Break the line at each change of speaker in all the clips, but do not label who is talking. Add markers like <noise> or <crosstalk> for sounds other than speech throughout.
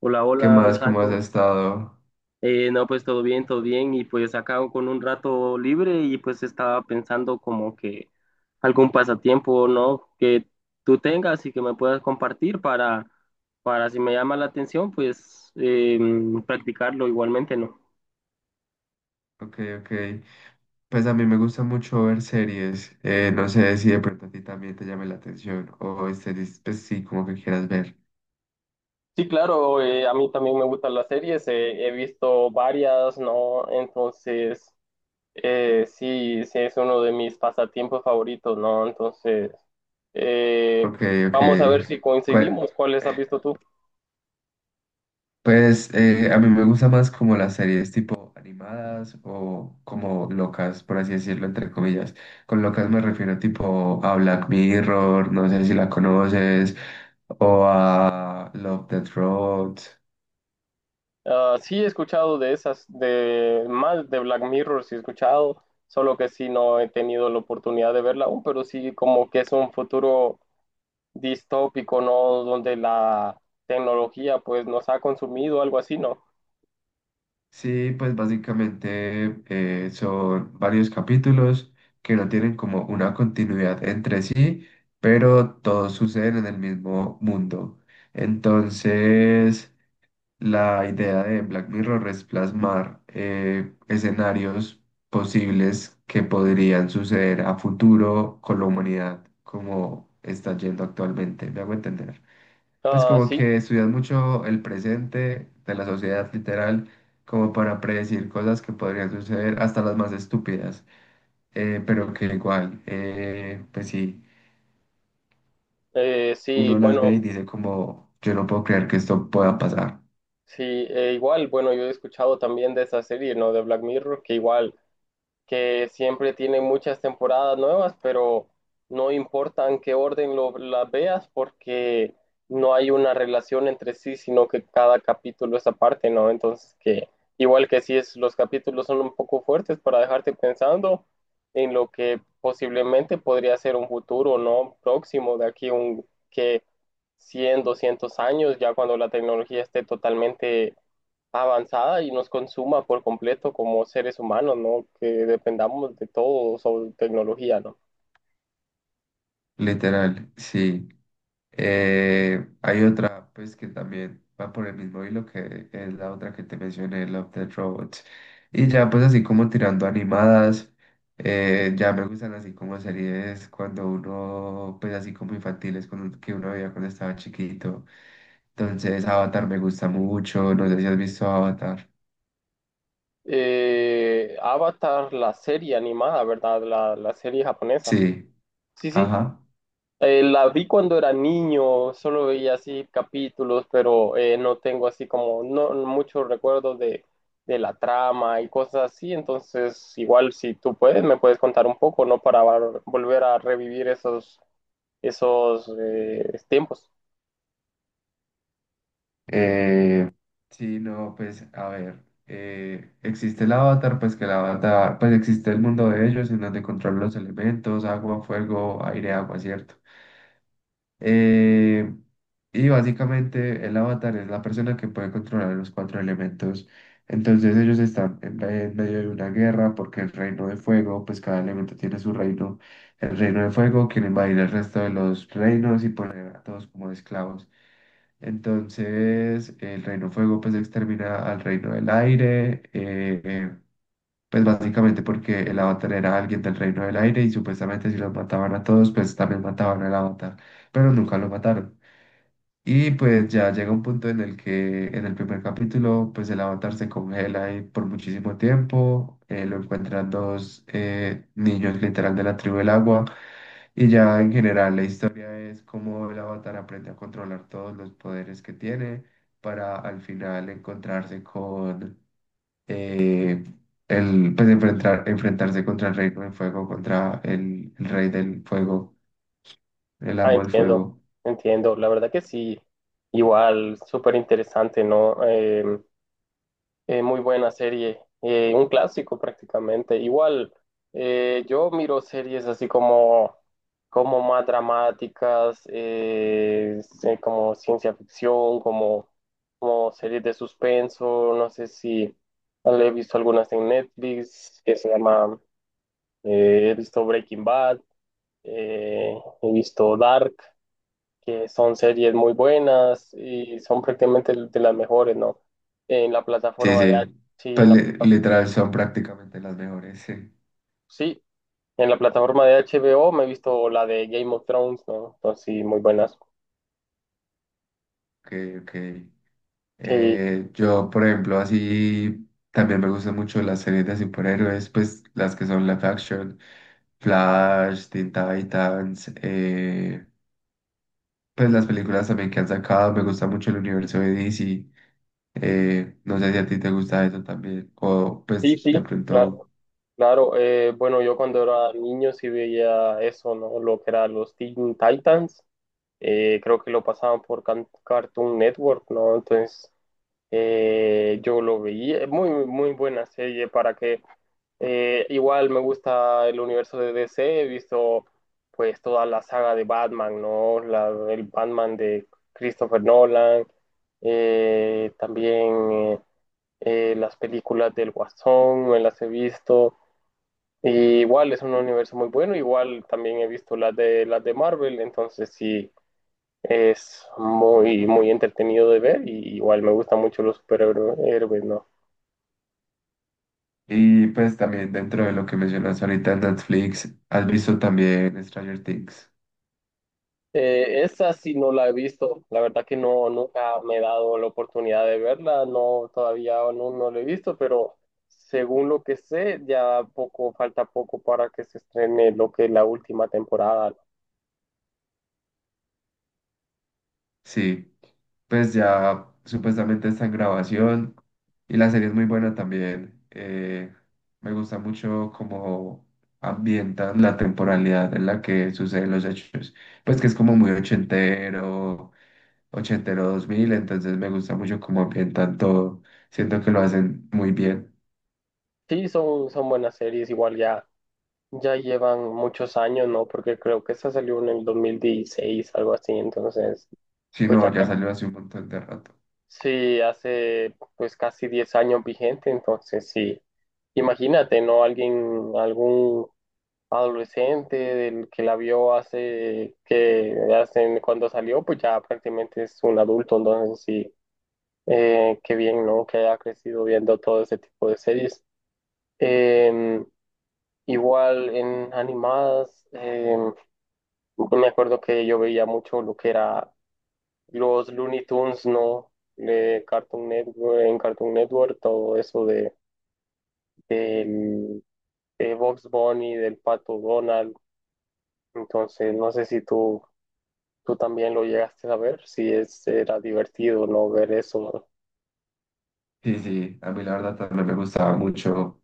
Hola,
¿Qué
hola
más? ¿Cómo has
Alejandro.
estado?
No, pues todo bien, todo bien. Y pues acá con un rato libre y pues estaba pensando como que algún pasatiempo, ¿no? Que tú tengas y que me puedas compartir para si me llama la atención, pues practicarlo igualmente, ¿no?
Ok, ok. Pues a mí me gusta mucho ver series. No sé si de pronto a ti también te llame la atención o series, pues sí, como que quieras ver.
Sí, claro, a mí también me gustan las series, he visto varias, ¿no? Entonces, sí, es uno de mis pasatiempos favoritos, ¿no? Entonces, eh,
Ok, ok.
vamos a ver si
¿Cuál-
coincidimos. ¿Cuáles has visto tú?
Pues a mí me gusta más como las series tipo animadas o como locas, por así decirlo, entre comillas. Con locas me refiero tipo a Black Mirror, no sé si la conoces, o a Love, Death Road.
Ah, sí, he escuchado de esas, de más de Black Mirror, sí he escuchado, solo que sí no he tenido la oportunidad de verla aún, pero sí como que es un futuro distópico, ¿no? Donde la tecnología pues nos ha consumido, algo así, ¿no?
Sí, pues básicamente son varios capítulos que no tienen como una continuidad entre sí, pero todos suceden en el mismo mundo. Entonces, la idea de Black Mirror es plasmar escenarios posibles que podrían suceder a futuro con la humanidad como está yendo actualmente. ¿Me hago entender? Pues
Ah,
como
sí.
que estudias mucho el presente de la sociedad literal, como para predecir cosas que podrían suceder, hasta las más estúpidas, pero que igual, pues sí,
Sí,
uno las ve
bueno.
y dice como, yo no puedo creer que esto pueda pasar,
Sí, igual, bueno, yo he escuchado también de esa serie, ¿no? De Black Mirror, que igual, que siempre tiene muchas temporadas nuevas, pero no importa en qué orden las veas, porque no hay una relación entre sí, sino que cada capítulo es aparte, ¿no? Entonces, que igual que sí es, los capítulos son un poco fuertes para dejarte pensando en lo que posiblemente podría ser un futuro, ¿no? Próximo, de aquí un, que 100 200 años, ya cuando la tecnología esté totalmente avanzada y nos consuma por completo como seres humanos, ¿no? Que dependamos de todo sobre tecnología, ¿no?
literal, sí. Hay otra, pues, que también va por el mismo hilo que es la otra que te mencioné, Love, Death Robots. Y ya, pues, así como tirando animadas, ya me gustan así como series cuando uno, pues, así como infantiles, cuando, que uno veía cuando estaba chiquito. Entonces, Avatar me gusta mucho. No sé si has visto Avatar.
Avatar, la serie animada, ¿verdad? La serie japonesa.
Sí,
Sí, sí.
ajá.
La vi cuando era niño, solo veía así capítulos, pero no tengo así como no, muchos recuerdos de la trama y cosas así. Entonces, igual si tú puedes, me puedes contar un poco, ¿no? Para volver a revivir esos tiempos.
Eh, sí, no, pues a ver, existe el avatar, pues existe el mundo de ellos en donde controlan los elementos, agua, fuego, aire, agua, ¿cierto? Eh, y básicamente el avatar es la persona que puede controlar los cuatro elementos. Entonces ellos están en, en medio de una guerra porque el reino de fuego, pues cada elemento tiene su reino. El reino de fuego quiere invadir el resto de los reinos y poner a todos como esclavos. Entonces, el reino fuego pues extermina al reino del aire, pues básicamente porque el avatar era alguien del reino del aire y supuestamente si los mataban a todos, pues también mataban al avatar, pero nunca lo mataron. Y pues ya llega un punto en el que en el primer capítulo, pues el avatar se congela ahí por muchísimo tiempo, lo encuentran dos niños literal de la tribu del agua, y ya en general la historia es cómo el avatar aprende a controlar todos los poderes que tiene para al final encontrarse con eh, el, pues enfrentarse contra el reino del fuego, contra el rey del fuego, el
Ah,
amo del
entiendo,
fuego.
entiendo. La verdad que sí, igual, súper interesante, ¿no? Muy buena serie, un clásico prácticamente. Igual, yo miro series así como más dramáticas, sí, como ciencia ficción, como series de suspenso. No sé si he visto algunas en Netflix que se llama, he visto Breaking Bad, eh, he visto Dark que son series muy buenas y son prácticamente de las mejores, ¿no? En la
Sí,
plataforma de H
sí.
sí,
Pues literal son prácticamente las mejores. <laughs> Sí.
sí, en la plataforma de HBO me he visto la de Game of Thrones, ¿no? Entonces, sí, muy buenas.
Ok, ok.
Sí,
Yo, por ejemplo, así también me gustan mucho las series de superhéroes, pues las que son live action, Flash, Teen Titans, pues las películas también que han sacado, me gusta mucho el universo de DC. No sé si a ti te gusta eso también, o
sí,
pues de pronto,
claro. Eh, bueno, yo cuando era niño sí veía eso, ¿no? Lo que eran los Teen Titans. Eh, creo que lo pasaban por Cartoon Network, ¿no? Entonces, yo lo vi, muy buena serie para que igual me gusta el universo de DC, he visto pues toda la saga de Batman, ¿no? El Batman de Christopher Nolan, también las películas del Guasón, me las he visto. Y igual es un universo muy bueno, igual también he visto las de Marvel, entonces sí. Es muy entretenido de ver y igual me gustan mucho los superhéroes, ¿no?
y pues también dentro de lo que mencionas ahorita en Netflix, ¿has visto también Stranger Things?
Esa sí no la he visto, la verdad que no, nunca me he dado la oportunidad de verla, no, todavía no, no la he visto, pero según lo que sé, ya poco, falta poco para que se estrene lo que es la última temporada, ¿no?
Sí, pues ya supuestamente está en grabación y la serie es muy buena también. Me gusta mucho cómo ambientan la temporalidad en la que suceden los hechos. Pues que es como muy ochentero, ochentero 2000, entonces me gusta mucho cómo ambientan todo. Siento que lo hacen muy bien.
Sí, son buenas series, igual ya, ya llevan muchos años, ¿no? Porque creo que esa salió en el 2016 algo así, entonces,
Si
pues ya.
no, ya salió hace un montón de rato.
Sí, hace pues casi 10 años vigente, entonces sí, imagínate, ¿no? Alguien, algún adolescente del que la vio hace cuando salió, pues ya prácticamente es un adulto, entonces sí, qué bien, ¿no? Que haya crecido viendo todo ese tipo de series. Em, Igual en animadas, me acuerdo que yo veía mucho lo que era. Los Looney Tunes, no, de Cartoon Network, en Cartoon Network, todo eso de, del de Bugs Bunny, del Pato Donald. Entonces, no sé si tú también lo llegaste a ver, si es, era divertido no ver eso.
Sí, sí, a mí la verdad también me gustaba mucho.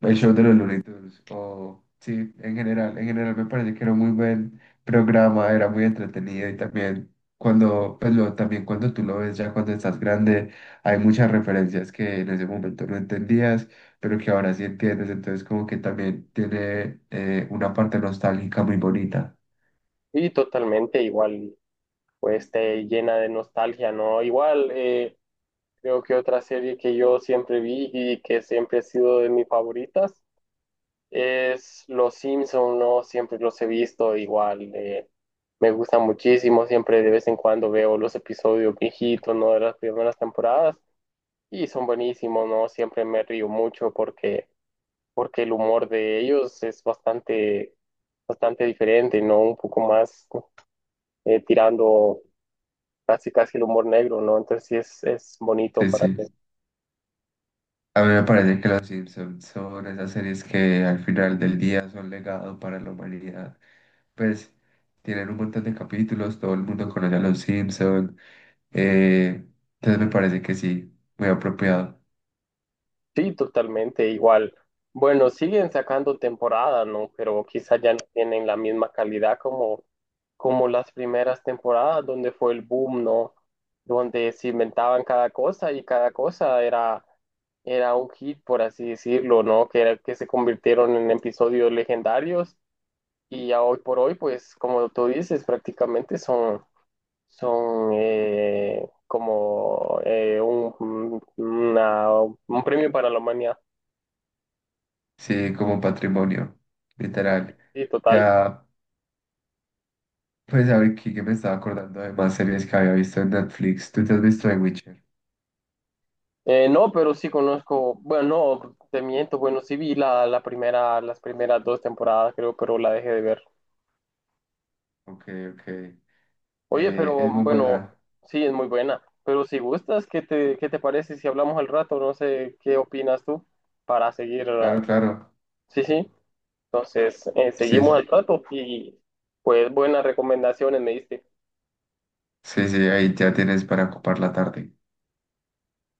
El show de los Looney Tunes, o sí, en general me parece que era un muy buen programa, era muy entretenido y también cuando, pues lo, también cuando tú lo ves ya cuando estás grande, hay muchas referencias que en ese momento no entendías, pero que ahora sí entiendes, entonces como que también tiene una parte nostálgica muy bonita.
Y totalmente igual, pues te llena de nostalgia, ¿no? Igual, creo que otra serie que yo siempre vi y que siempre ha sido de mis favoritas es Los Simpson, ¿no? Siempre los he visto igual. Me gusta muchísimo. Siempre de vez en cuando veo los episodios viejitos, ¿no? De las primeras temporadas. Y son buenísimos, ¿no? Siempre me río mucho porque el humor de ellos es bastante diferente, ¿no? Un poco más tirando casi el humor negro, ¿no? Entonces sí es bonito
Sí,
para mí.
sí. A mí me parece que Los Simpsons son esas series que al final del día son legado para la humanidad. Pues tienen un montón de capítulos, todo el mundo conoce a Los Simpsons. eh, entonces me parece que sí, muy apropiado.
Sí, totalmente igual. Bueno, siguen sacando temporada, ¿no? Pero quizás ya no tienen la misma calidad como las primeras temporadas, donde fue el boom, ¿no? Donde se inventaban cada cosa y cada cosa era un hit, por así decirlo, ¿no? Que se convirtieron en episodios legendarios y ya hoy por hoy, pues como tú dices, prácticamente son un premio para la humanidad.
Sí, como patrimonio, literal.
Sí, total.
Ya, pues a ver, aquí que me estaba acordando de más series que había visto en Netflix. ¿Tú te has visto The Witcher?
No, pero sí conozco, bueno, no, te miento, bueno, sí vi la primera, las primeras dos temporadas, creo, pero la dejé de ver.
Ok, ok.
Oye, pero
Es muy
bueno,
buena.
sí, es muy buena. Pero si gustas, qué te parece si hablamos al rato? No sé, ¿qué opinas tú para seguir?
Claro, claro.
Sí, sí. Entonces, seguimos
Sí,
al rato y pues buenas recomendaciones me diste.
sí, sí, ahí ya tienes para ocupar la tarde.